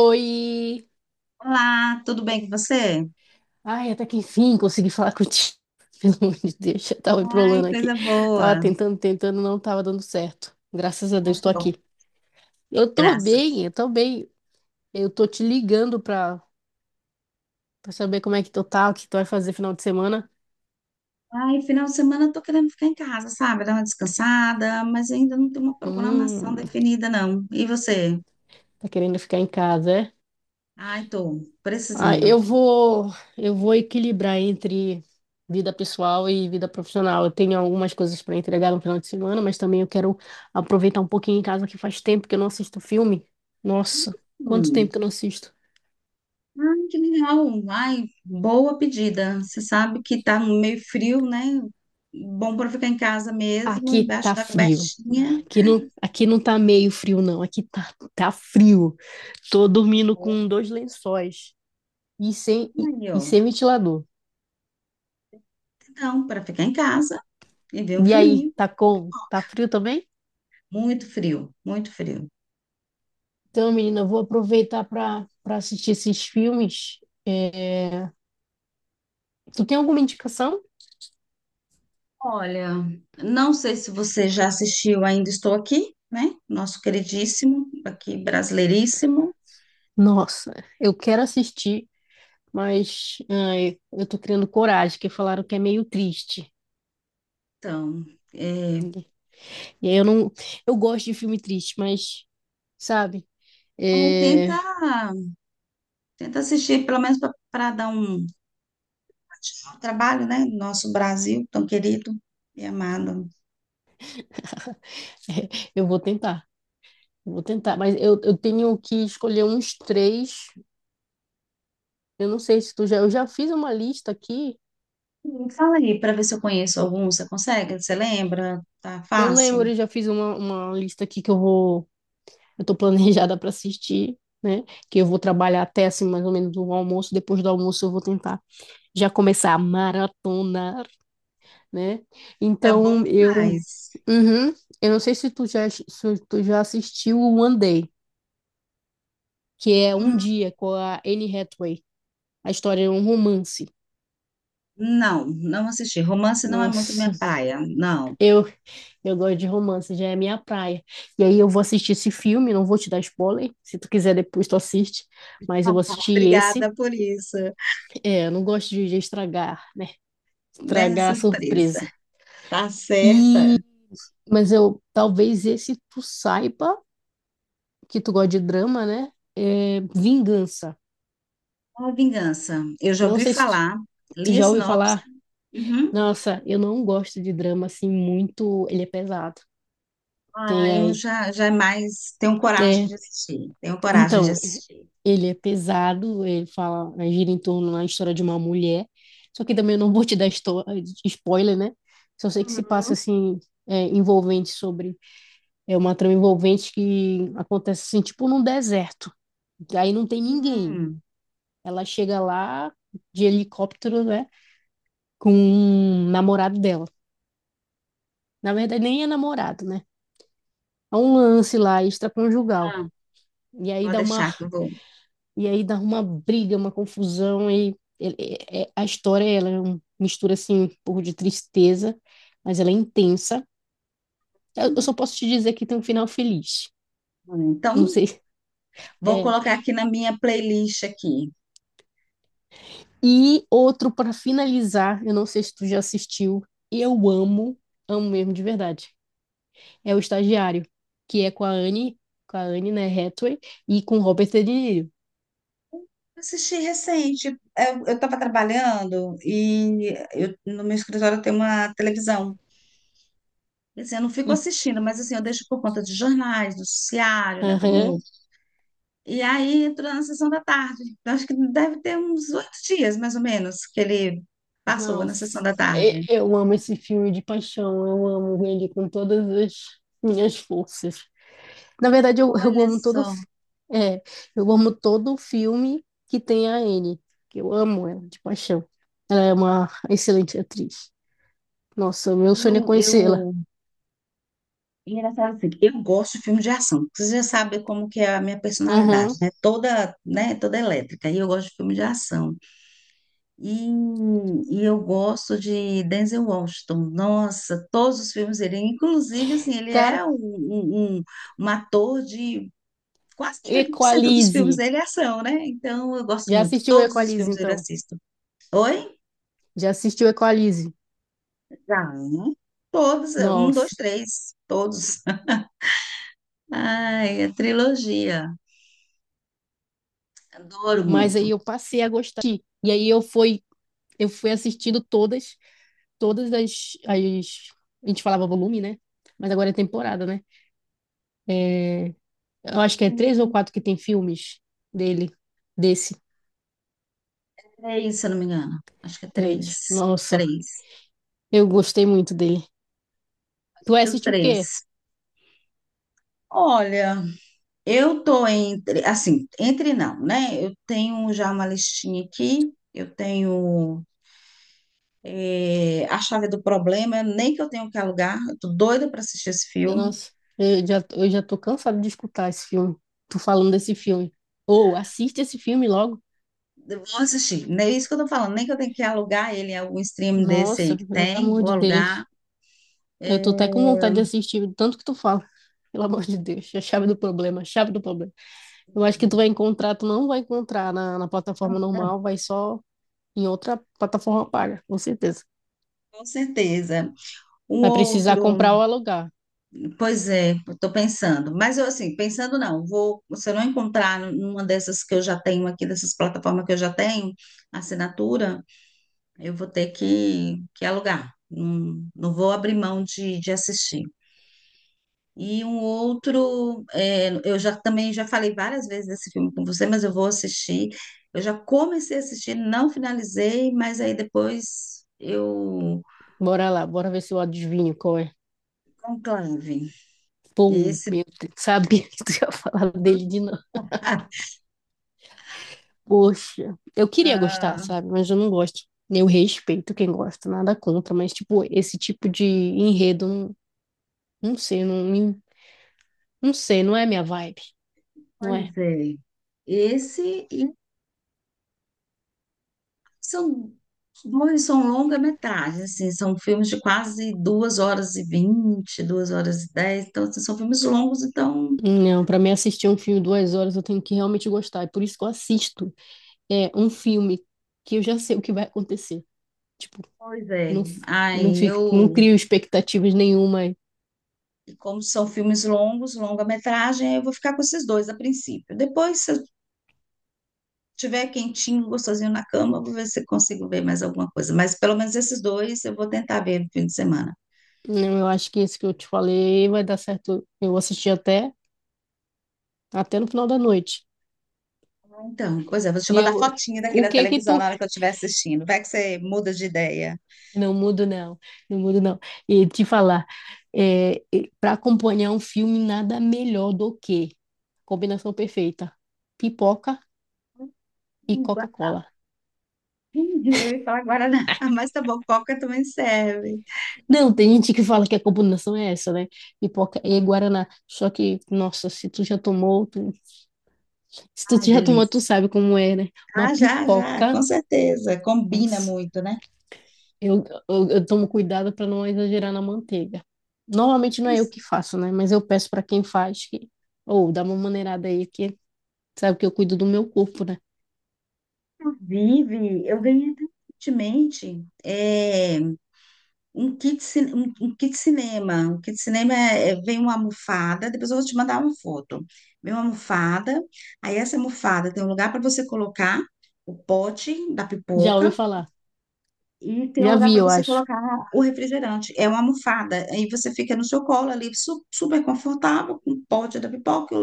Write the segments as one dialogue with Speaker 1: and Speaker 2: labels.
Speaker 1: Oi!
Speaker 2: Olá, tudo bem com você?
Speaker 1: Ai, até que enfim consegui falar contigo. Pelo amor de Deus, eu tava embrolando
Speaker 2: Ai,
Speaker 1: aqui.
Speaker 2: coisa
Speaker 1: Tava
Speaker 2: boa.
Speaker 1: tentando, tentando, não tava dando certo. Graças a
Speaker 2: Ai,
Speaker 1: Deus, tô
Speaker 2: que bom,
Speaker 1: aqui. Eu tô
Speaker 2: graças.
Speaker 1: bem, eu tô bem. Eu tô te ligando pra saber como é que tu tá, o que tu vai fazer final de semana.
Speaker 2: Ai, final de semana eu tô querendo ficar em casa, sabe? Dar uma descansada, mas ainda não tem uma programação
Speaker 1: Hum,
Speaker 2: definida, não. E você?
Speaker 1: tá querendo ficar em casa, é?
Speaker 2: Ai, tô
Speaker 1: Ah,
Speaker 2: precisando.
Speaker 1: eu vou equilibrar entre vida pessoal e vida profissional. Eu tenho algumas coisas para entregar no final de semana, mas também eu quero aproveitar um pouquinho em casa que faz tempo que eu não assisto filme. Nossa, quanto tempo
Speaker 2: Hum.
Speaker 1: que eu não assisto?
Speaker 2: Ai, que legal. Ai, boa pedida. Você sabe que tá meio frio, né? Bom para ficar em casa mesmo,
Speaker 1: Aqui
Speaker 2: embaixo
Speaker 1: tá
Speaker 2: da
Speaker 1: frio.
Speaker 2: cobertinha.
Speaker 1: Aqui não tá meio frio, não. Aqui tá frio. Tô dormindo
Speaker 2: Bom.
Speaker 1: com dois lençóis e sem, e,
Speaker 2: Aí,
Speaker 1: e
Speaker 2: ó.
Speaker 1: sem ventilador.
Speaker 2: Então, para ficar em casa e ver um
Speaker 1: E aí,
Speaker 2: filminho.
Speaker 1: tá como? Tá frio também?
Speaker 2: Muito frio, muito frio.
Speaker 1: Então, menina, eu vou aproveitar para assistir esses filmes. É, Tu tem alguma indicação?
Speaker 2: Olha, não sei se você já assistiu Ainda Estou Aqui, né? Nosso queridíssimo, aqui brasileiríssimo.
Speaker 1: Nossa, eu quero assistir, mas ai, eu tô criando coragem, que falaram que é meio triste.
Speaker 2: Então, é,
Speaker 1: E aí eu não, eu gosto de filme triste, mas sabe,
Speaker 2: aí tenta,
Speaker 1: é,
Speaker 2: tenta assistir, pelo menos para um trabalho, né? Nosso Brasil tão querido e amado.
Speaker 1: eu vou tentar, eu vou tentar. Mas eu tenho que escolher uns três. Eu não sei se tu já, eu já fiz uma lista aqui.
Speaker 2: Fala aí para ver se eu conheço algum. Você consegue? Você lembra? Tá
Speaker 1: Eu lembro,
Speaker 2: fácil?
Speaker 1: eu já fiz uma lista aqui que eu estou planejada para assistir, né? Que eu vou trabalhar até assim, mais ou menos o almoço. Depois do almoço, eu vou tentar já começar a maratonar, né?
Speaker 2: É bom
Speaker 1: Então, eu.
Speaker 2: demais.
Speaker 1: Uhum. Eu não sei se tu já assistiu o One Day, que é Um Dia com a Anne Hathaway. A história é um romance.
Speaker 2: Não, não assisti. Romance não é muito minha
Speaker 1: Nossa,
Speaker 2: praia, não.
Speaker 1: eu eu gosto de romance, já é minha praia. E aí eu vou assistir esse filme, não vou te dar spoiler, se tu quiser depois tu assiste, mas eu vou assistir esse.
Speaker 2: Obrigada por isso,
Speaker 1: Eu não gosto de estragar, né?
Speaker 2: né?
Speaker 1: Estragar a
Speaker 2: Surpresa.
Speaker 1: surpresa.
Speaker 2: Tá
Speaker 1: E,
Speaker 2: certa.
Speaker 1: mas eu, talvez esse tu saiba, que tu gosta de drama, né? É Vingança.
Speaker 2: A vingança. Eu já
Speaker 1: Não
Speaker 2: ouvi
Speaker 1: sei se tu,
Speaker 2: falar,
Speaker 1: tu
Speaker 2: li a
Speaker 1: já ouviu
Speaker 2: sinopse.
Speaker 1: falar.
Speaker 2: Uhum.
Speaker 1: Nossa, eu não gosto de drama assim muito. Ele é pesado. Tem
Speaker 2: Ah, eu
Speaker 1: aí.
Speaker 2: já, já é mais tenho coragem
Speaker 1: É,
Speaker 2: de assistir. Tenho coragem de
Speaker 1: então,
Speaker 2: assistir.
Speaker 1: ele é pesado, ele fala, gira em torno da história de uma mulher. Só que também eu não vou te dar spoiler, né? Só sei que se passa assim, é, envolvente sobre É uma trama envolvente que acontece assim, tipo num deserto. Aí não tem ninguém.
Speaker 2: Hum,
Speaker 1: Ela chega lá de helicóptero, né? Com um namorado dela. Na verdade, nem é namorado, né? Há um lance lá extraconjugal.
Speaker 2: tá.
Speaker 1: E aí
Speaker 2: Pode
Speaker 1: dá uma,
Speaker 2: deixar que eu vou.
Speaker 1: e aí dá uma briga, uma confusão. A história ela mistura assim, um pouco de tristeza, mas ela é intensa. Eu só
Speaker 2: Hum.
Speaker 1: posso te dizer que tem um final feliz.
Speaker 2: Hum,
Speaker 1: Não
Speaker 2: então,
Speaker 1: sei.
Speaker 2: vou
Speaker 1: É,
Speaker 2: colocar aqui na minha playlist aqui.
Speaker 1: E outro para finalizar, eu não sei se tu já assistiu, eu amo, amo mesmo de verdade. É o Estagiário, que é com a Anne, né, Hathaway, e com Robert De Niro.
Speaker 2: Assisti recente. Eu estava trabalhando e no meu escritório tem uma televisão. Assim, eu não fico
Speaker 1: E,
Speaker 2: assistindo, mas assim, eu deixo por conta de jornais, do noticiário, né?
Speaker 1: aham,
Speaker 2: Como... E aí entro na sessão da tarde. Eu acho que deve ter uns oito dias, mais ou menos, que ele passou na
Speaker 1: nossa,
Speaker 2: sessão da tarde.
Speaker 1: eu amo esse filme de paixão, eu amo ele com todas as minhas forças. Na verdade, eu
Speaker 2: Olha
Speaker 1: amo todo,
Speaker 2: só,
Speaker 1: é, eu amo todo filme que tem a Anne, que eu amo ela de paixão. Ela é uma excelente atriz. Nossa, meu sonho é
Speaker 2: eu,
Speaker 1: conhecê-la.
Speaker 2: eu... e engraçado assim, eu gosto de filme de ação. Você já sabe como que é a minha personalidade,
Speaker 1: Aham.
Speaker 2: né? Toda, né? Toda elétrica. E eu gosto de filme de ação. E, e eu gosto de Denzel Washington. Nossa, todos os filmes dele. Inclusive, assim, ele
Speaker 1: Cara,
Speaker 2: é um, um, um- um ator de quase 90% dos filmes
Speaker 1: Equalize.
Speaker 2: dele é ação, né? Então, eu gosto
Speaker 1: Já
Speaker 2: muito.
Speaker 1: assistiu
Speaker 2: Todos os
Speaker 1: Equalize,
Speaker 2: filmes dele eu
Speaker 1: então?
Speaker 2: assisto. Oi?
Speaker 1: Já assistiu Equalize?
Speaker 2: Já, né? Todos. Um, dois,
Speaker 1: Nossa.
Speaker 2: três. Todos. Ai, a trilogia. Adoro
Speaker 1: Mas aí
Speaker 2: muito.
Speaker 1: eu passei a gostar. E aí eu fui assistindo todas as— a gente falava volume, né? Mas agora é temporada, né? É, eu acho que é três ou quatro que tem filmes dele, desse.
Speaker 2: Três, se eu não me engano. Acho que é
Speaker 1: Três.
Speaker 2: três.
Speaker 1: Nossa,
Speaker 2: Três.
Speaker 1: eu gostei muito dele. Tu vai
Speaker 2: Assisti os
Speaker 1: assistir o quê?
Speaker 2: três. Olha. Eu tô entre, assim, entre não, né? Eu tenho já uma listinha aqui, eu tenho A Chave do Problema, nem que eu tenho que alugar, eu tô doida para assistir esse filme.
Speaker 1: Nossa, eu já tô cansada de escutar esse filme. Tu falando desse filme. Ou assiste esse filme logo.
Speaker 2: Eu vou assistir, não é isso que eu tô falando, nem que eu tenho que alugar ele em algum stream desse
Speaker 1: Nossa,
Speaker 2: aí que
Speaker 1: pelo
Speaker 2: tem,
Speaker 1: amor
Speaker 2: vou
Speaker 1: de
Speaker 2: alugar.
Speaker 1: Deus. Eu tô até com vontade de assistir, de tanto que tu fala. Pelo amor de Deus, a chave do problema, a chave do problema. Eu acho que tu vai encontrar, tu não vai encontrar na plataforma normal, vai só em outra plataforma paga, com certeza.
Speaker 2: Com certeza. Um
Speaker 1: Vai precisar
Speaker 2: outro,
Speaker 1: comprar ou alugar.
Speaker 2: pois é, estou pensando, mas eu assim, pensando não, vou, se eu não encontrar numa dessas que eu já tenho aqui, dessas plataformas que eu já tenho, assinatura, eu vou ter que alugar. Não, não vou abrir mão de assistir. E um outro, é, eu já também já falei várias vezes desse filme com você, mas eu vou assistir. Eu já comecei a assistir, não finalizei, mas aí depois eu
Speaker 1: Bora lá, bora ver se eu adivinho qual é.
Speaker 2: conclave.
Speaker 1: Pô,
Speaker 2: Esse,
Speaker 1: meu Deus, sabia que tu ia falar dele de novo.
Speaker 2: ah,
Speaker 1: Poxa, eu queria gostar,
Speaker 2: ah,
Speaker 1: sabe? Mas eu não gosto. Eu respeito quem gosta, nada contra, mas, tipo, esse tipo de enredo, não, não sei, não, não sei, não é minha vibe, não é?
Speaker 2: pois é. Esse e. São dois, são longa-metragem, assim, são filmes de quase duas horas e vinte, duas horas e dez, então assim, são filmes longos, então,
Speaker 1: Não, pra mim assistir um filme 2 horas eu tenho que realmente gostar, é por isso que eu assisto um filme que eu já sei o que vai acontecer. Tipo,
Speaker 2: pois
Speaker 1: eu
Speaker 2: é.
Speaker 1: não, f- eu não
Speaker 2: Aí
Speaker 1: fico, não
Speaker 2: eu,
Speaker 1: crio expectativas nenhuma.
Speaker 2: e como são filmes longos, longa-metragem, aí eu vou ficar com esses dois a princípio. Depois, se eu tiver quentinho, gostosinho na cama, eu vou ver se eu consigo ver mais alguma coisa, mas pelo menos esses dois eu vou tentar ver no fim de semana.
Speaker 1: Não, eu acho que esse que eu te falei vai dar certo. Eu assisti até no final da noite.
Speaker 2: Ah, então, pois é, vou te
Speaker 1: E
Speaker 2: mandar
Speaker 1: eu,
Speaker 2: fotinha daqui
Speaker 1: o
Speaker 2: da
Speaker 1: que que
Speaker 2: televisão
Speaker 1: tu—
Speaker 2: na hora que eu estiver assistindo. Vai que você muda de ideia.
Speaker 1: Não mudo, não. Não mudo, não. E te falar, é, para acompanhar um filme, nada melhor do que combinação perfeita: pipoca e Coca-Cola.
Speaker 2: Entendi. Eu ia falar Guaraná, mas tá bom, Coca também serve.
Speaker 1: Não,
Speaker 2: Hum.
Speaker 1: tem gente que fala que a combinação é essa, né? Pipoca e Guaraná. Só que, nossa, se tu já tomou, tu- se
Speaker 2: Ai,
Speaker 1: tu já tomou, tu
Speaker 2: delícia.
Speaker 1: sabe como é, né? Uma
Speaker 2: Ah, já, já,
Speaker 1: pipoca,
Speaker 2: com certeza. Combina
Speaker 1: nossa,
Speaker 2: muito, né?
Speaker 1: Eu tomo cuidado para não exagerar na manteiga. Normalmente não é eu que faço, né? Mas eu peço para quem faz que, ou dá uma maneirada aí que sabe que eu cuido do meu corpo, né?
Speaker 2: Inclusive, eu ganhei até recentemente um kit, um kit cinema. Um kit cinema vem uma almofada, depois eu vou te mandar uma foto. Vem uma almofada, aí essa almofada tem um lugar para você colocar o pote da
Speaker 1: Já ouvi
Speaker 2: pipoca,
Speaker 1: falar.
Speaker 2: e tem um
Speaker 1: Já
Speaker 2: lugar
Speaker 1: vi,
Speaker 2: para
Speaker 1: eu
Speaker 2: você
Speaker 1: acho.
Speaker 2: colocar o refrigerante. É uma almofada. Aí você fica no seu colo ali, super confortável, com o pote da pipoca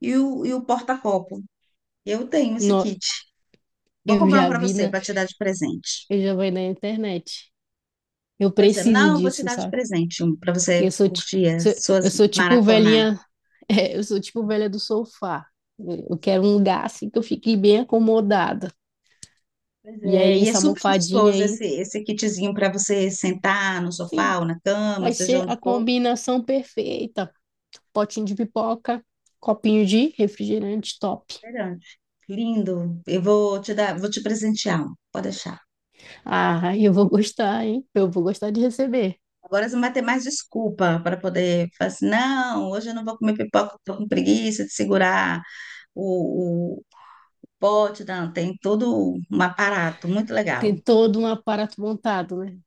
Speaker 2: e o porta-copo. Eu tenho esse
Speaker 1: No,
Speaker 2: kit. Vou
Speaker 1: eu
Speaker 2: comprar um
Speaker 1: já
Speaker 2: para
Speaker 1: vi
Speaker 2: você,
Speaker 1: na,
Speaker 2: para te dar de presente.
Speaker 1: eu já vi na internet. Eu
Speaker 2: Pois é,
Speaker 1: preciso
Speaker 2: não, eu vou te
Speaker 1: disso,
Speaker 2: dar de
Speaker 1: sabe?
Speaker 2: presente um para
Speaker 1: Porque
Speaker 2: você curtir as
Speaker 1: sou- eu
Speaker 2: suas
Speaker 1: sou tipo
Speaker 2: maratonar.
Speaker 1: velhinha, eu sou tipo velha do sofá. Eu quero um lugar assim que eu fique bem acomodada.
Speaker 2: Pois
Speaker 1: E
Speaker 2: é,
Speaker 1: aí
Speaker 2: e é
Speaker 1: essa
Speaker 2: super
Speaker 1: almofadinha
Speaker 2: gostoso
Speaker 1: aí,
Speaker 2: esse, esse kitzinho para você sentar no
Speaker 1: sim,
Speaker 2: sofá ou na cama,
Speaker 1: vai
Speaker 2: seja
Speaker 1: ser
Speaker 2: onde
Speaker 1: a
Speaker 2: for.
Speaker 1: combinação perfeita. Potinho de pipoca, copinho de refrigerante top.
Speaker 2: Refrigerante. Lindo. Eu vou te dar, vou te presentear. Um. Pode deixar.
Speaker 1: Ah, eu vou gostar, hein? Eu vou gostar de receber.
Speaker 2: Agora você não vai ter mais desculpa para poder falar assim, não, hoje eu não vou comer pipoca, estou com preguiça de segurar o pote, não, tem todo um aparato muito legal.
Speaker 1: Tem todo um aparato montado, né?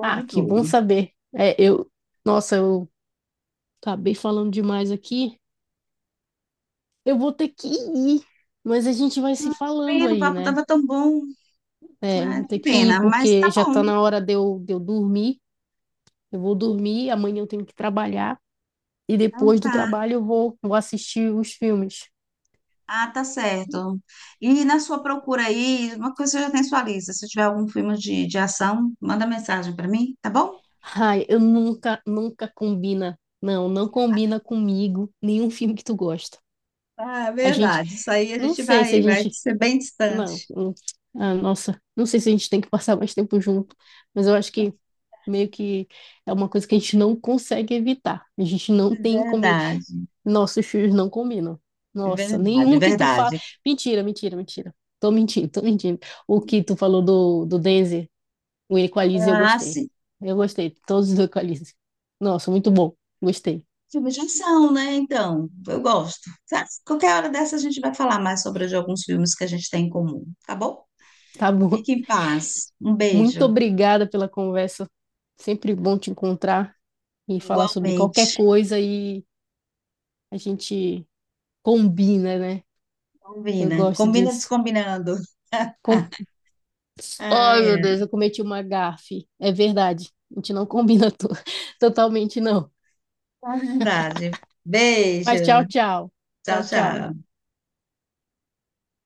Speaker 1: Ah, que bom
Speaker 2: tudo.
Speaker 1: saber. Nossa, eu acabei falando demais aqui. Eu vou ter que ir, mas a gente vai se falando
Speaker 2: Pena, o
Speaker 1: aí,
Speaker 2: papo
Speaker 1: né?
Speaker 2: tava tão bom.
Speaker 1: Eu
Speaker 2: Ah,
Speaker 1: vou ter
Speaker 2: que
Speaker 1: que ir
Speaker 2: pena, mas
Speaker 1: porque
Speaker 2: tá
Speaker 1: já tá
Speaker 2: bom.
Speaker 1: na hora de eu dormir. Eu vou dormir, amanhã eu tenho que trabalhar e
Speaker 2: Então
Speaker 1: depois do
Speaker 2: tá.
Speaker 1: trabalho eu vou assistir os filmes.
Speaker 2: Ah, tá certo. E na sua procura aí, uma coisa que você já tem sua lista. Se tiver algum filme de ação, manda mensagem para mim, tá bom?
Speaker 1: Ai, eu nunca, nunca combina. Não, não combina comigo nenhum filme que tu gosta.
Speaker 2: Ah, é
Speaker 1: A gente,
Speaker 2: verdade. Isso aí a
Speaker 1: não
Speaker 2: gente
Speaker 1: sei se a
Speaker 2: vai, vai
Speaker 1: gente,
Speaker 2: ser bem
Speaker 1: não,
Speaker 2: distante.
Speaker 1: ah, nossa, não sei se a gente tem que passar mais tempo junto, mas eu acho que meio que é uma coisa que a gente não consegue evitar. A gente não tem combi—
Speaker 2: Verdade.
Speaker 1: Nossos filmes não combinam. Nossa,
Speaker 2: Verdade,
Speaker 1: nenhum que tu fala.
Speaker 2: verdade.
Speaker 1: Mentira, mentira, mentira. Tô mentindo, tô mentindo. O que tu falou do Denzel, o Equalize eu
Speaker 2: Ah,
Speaker 1: gostei.
Speaker 2: sim.
Speaker 1: Eu gostei. Todos do Equalize. Nossa, muito bom. Gostei.
Speaker 2: Filmes de ação, né? Então, eu gosto. Sabe? Qualquer hora dessa a gente vai falar mais sobre de alguns filmes que a gente tem em comum, tá bom?
Speaker 1: Tá bom.
Speaker 2: Fique em paz. Um
Speaker 1: Muito
Speaker 2: beijo.
Speaker 1: obrigada pela conversa. Sempre bom te encontrar e falar sobre
Speaker 2: Igualmente.
Speaker 1: qualquer coisa e a gente combina, né? Eu
Speaker 2: Combina.
Speaker 1: gosto
Speaker 2: Combina
Speaker 1: disso.
Speaker 2: descombinando.
Speaker 1: Com—
Speaker 2: Ai,
Speaker 1: Ai, meu
Speaker 2: é.
Speaker 1: Deus, eu cometi uma gafe. É verdade. A gente não combina totalmente, não.
Speaker 2: Tá verdade.
Speaker 1: Mas tchau,
Speaker 2: Beijo.
Speaker 1: tchau.
Speaker 2: Tchau,
Speaker 1: Tchau, tchau.
Speaker 2: tchau.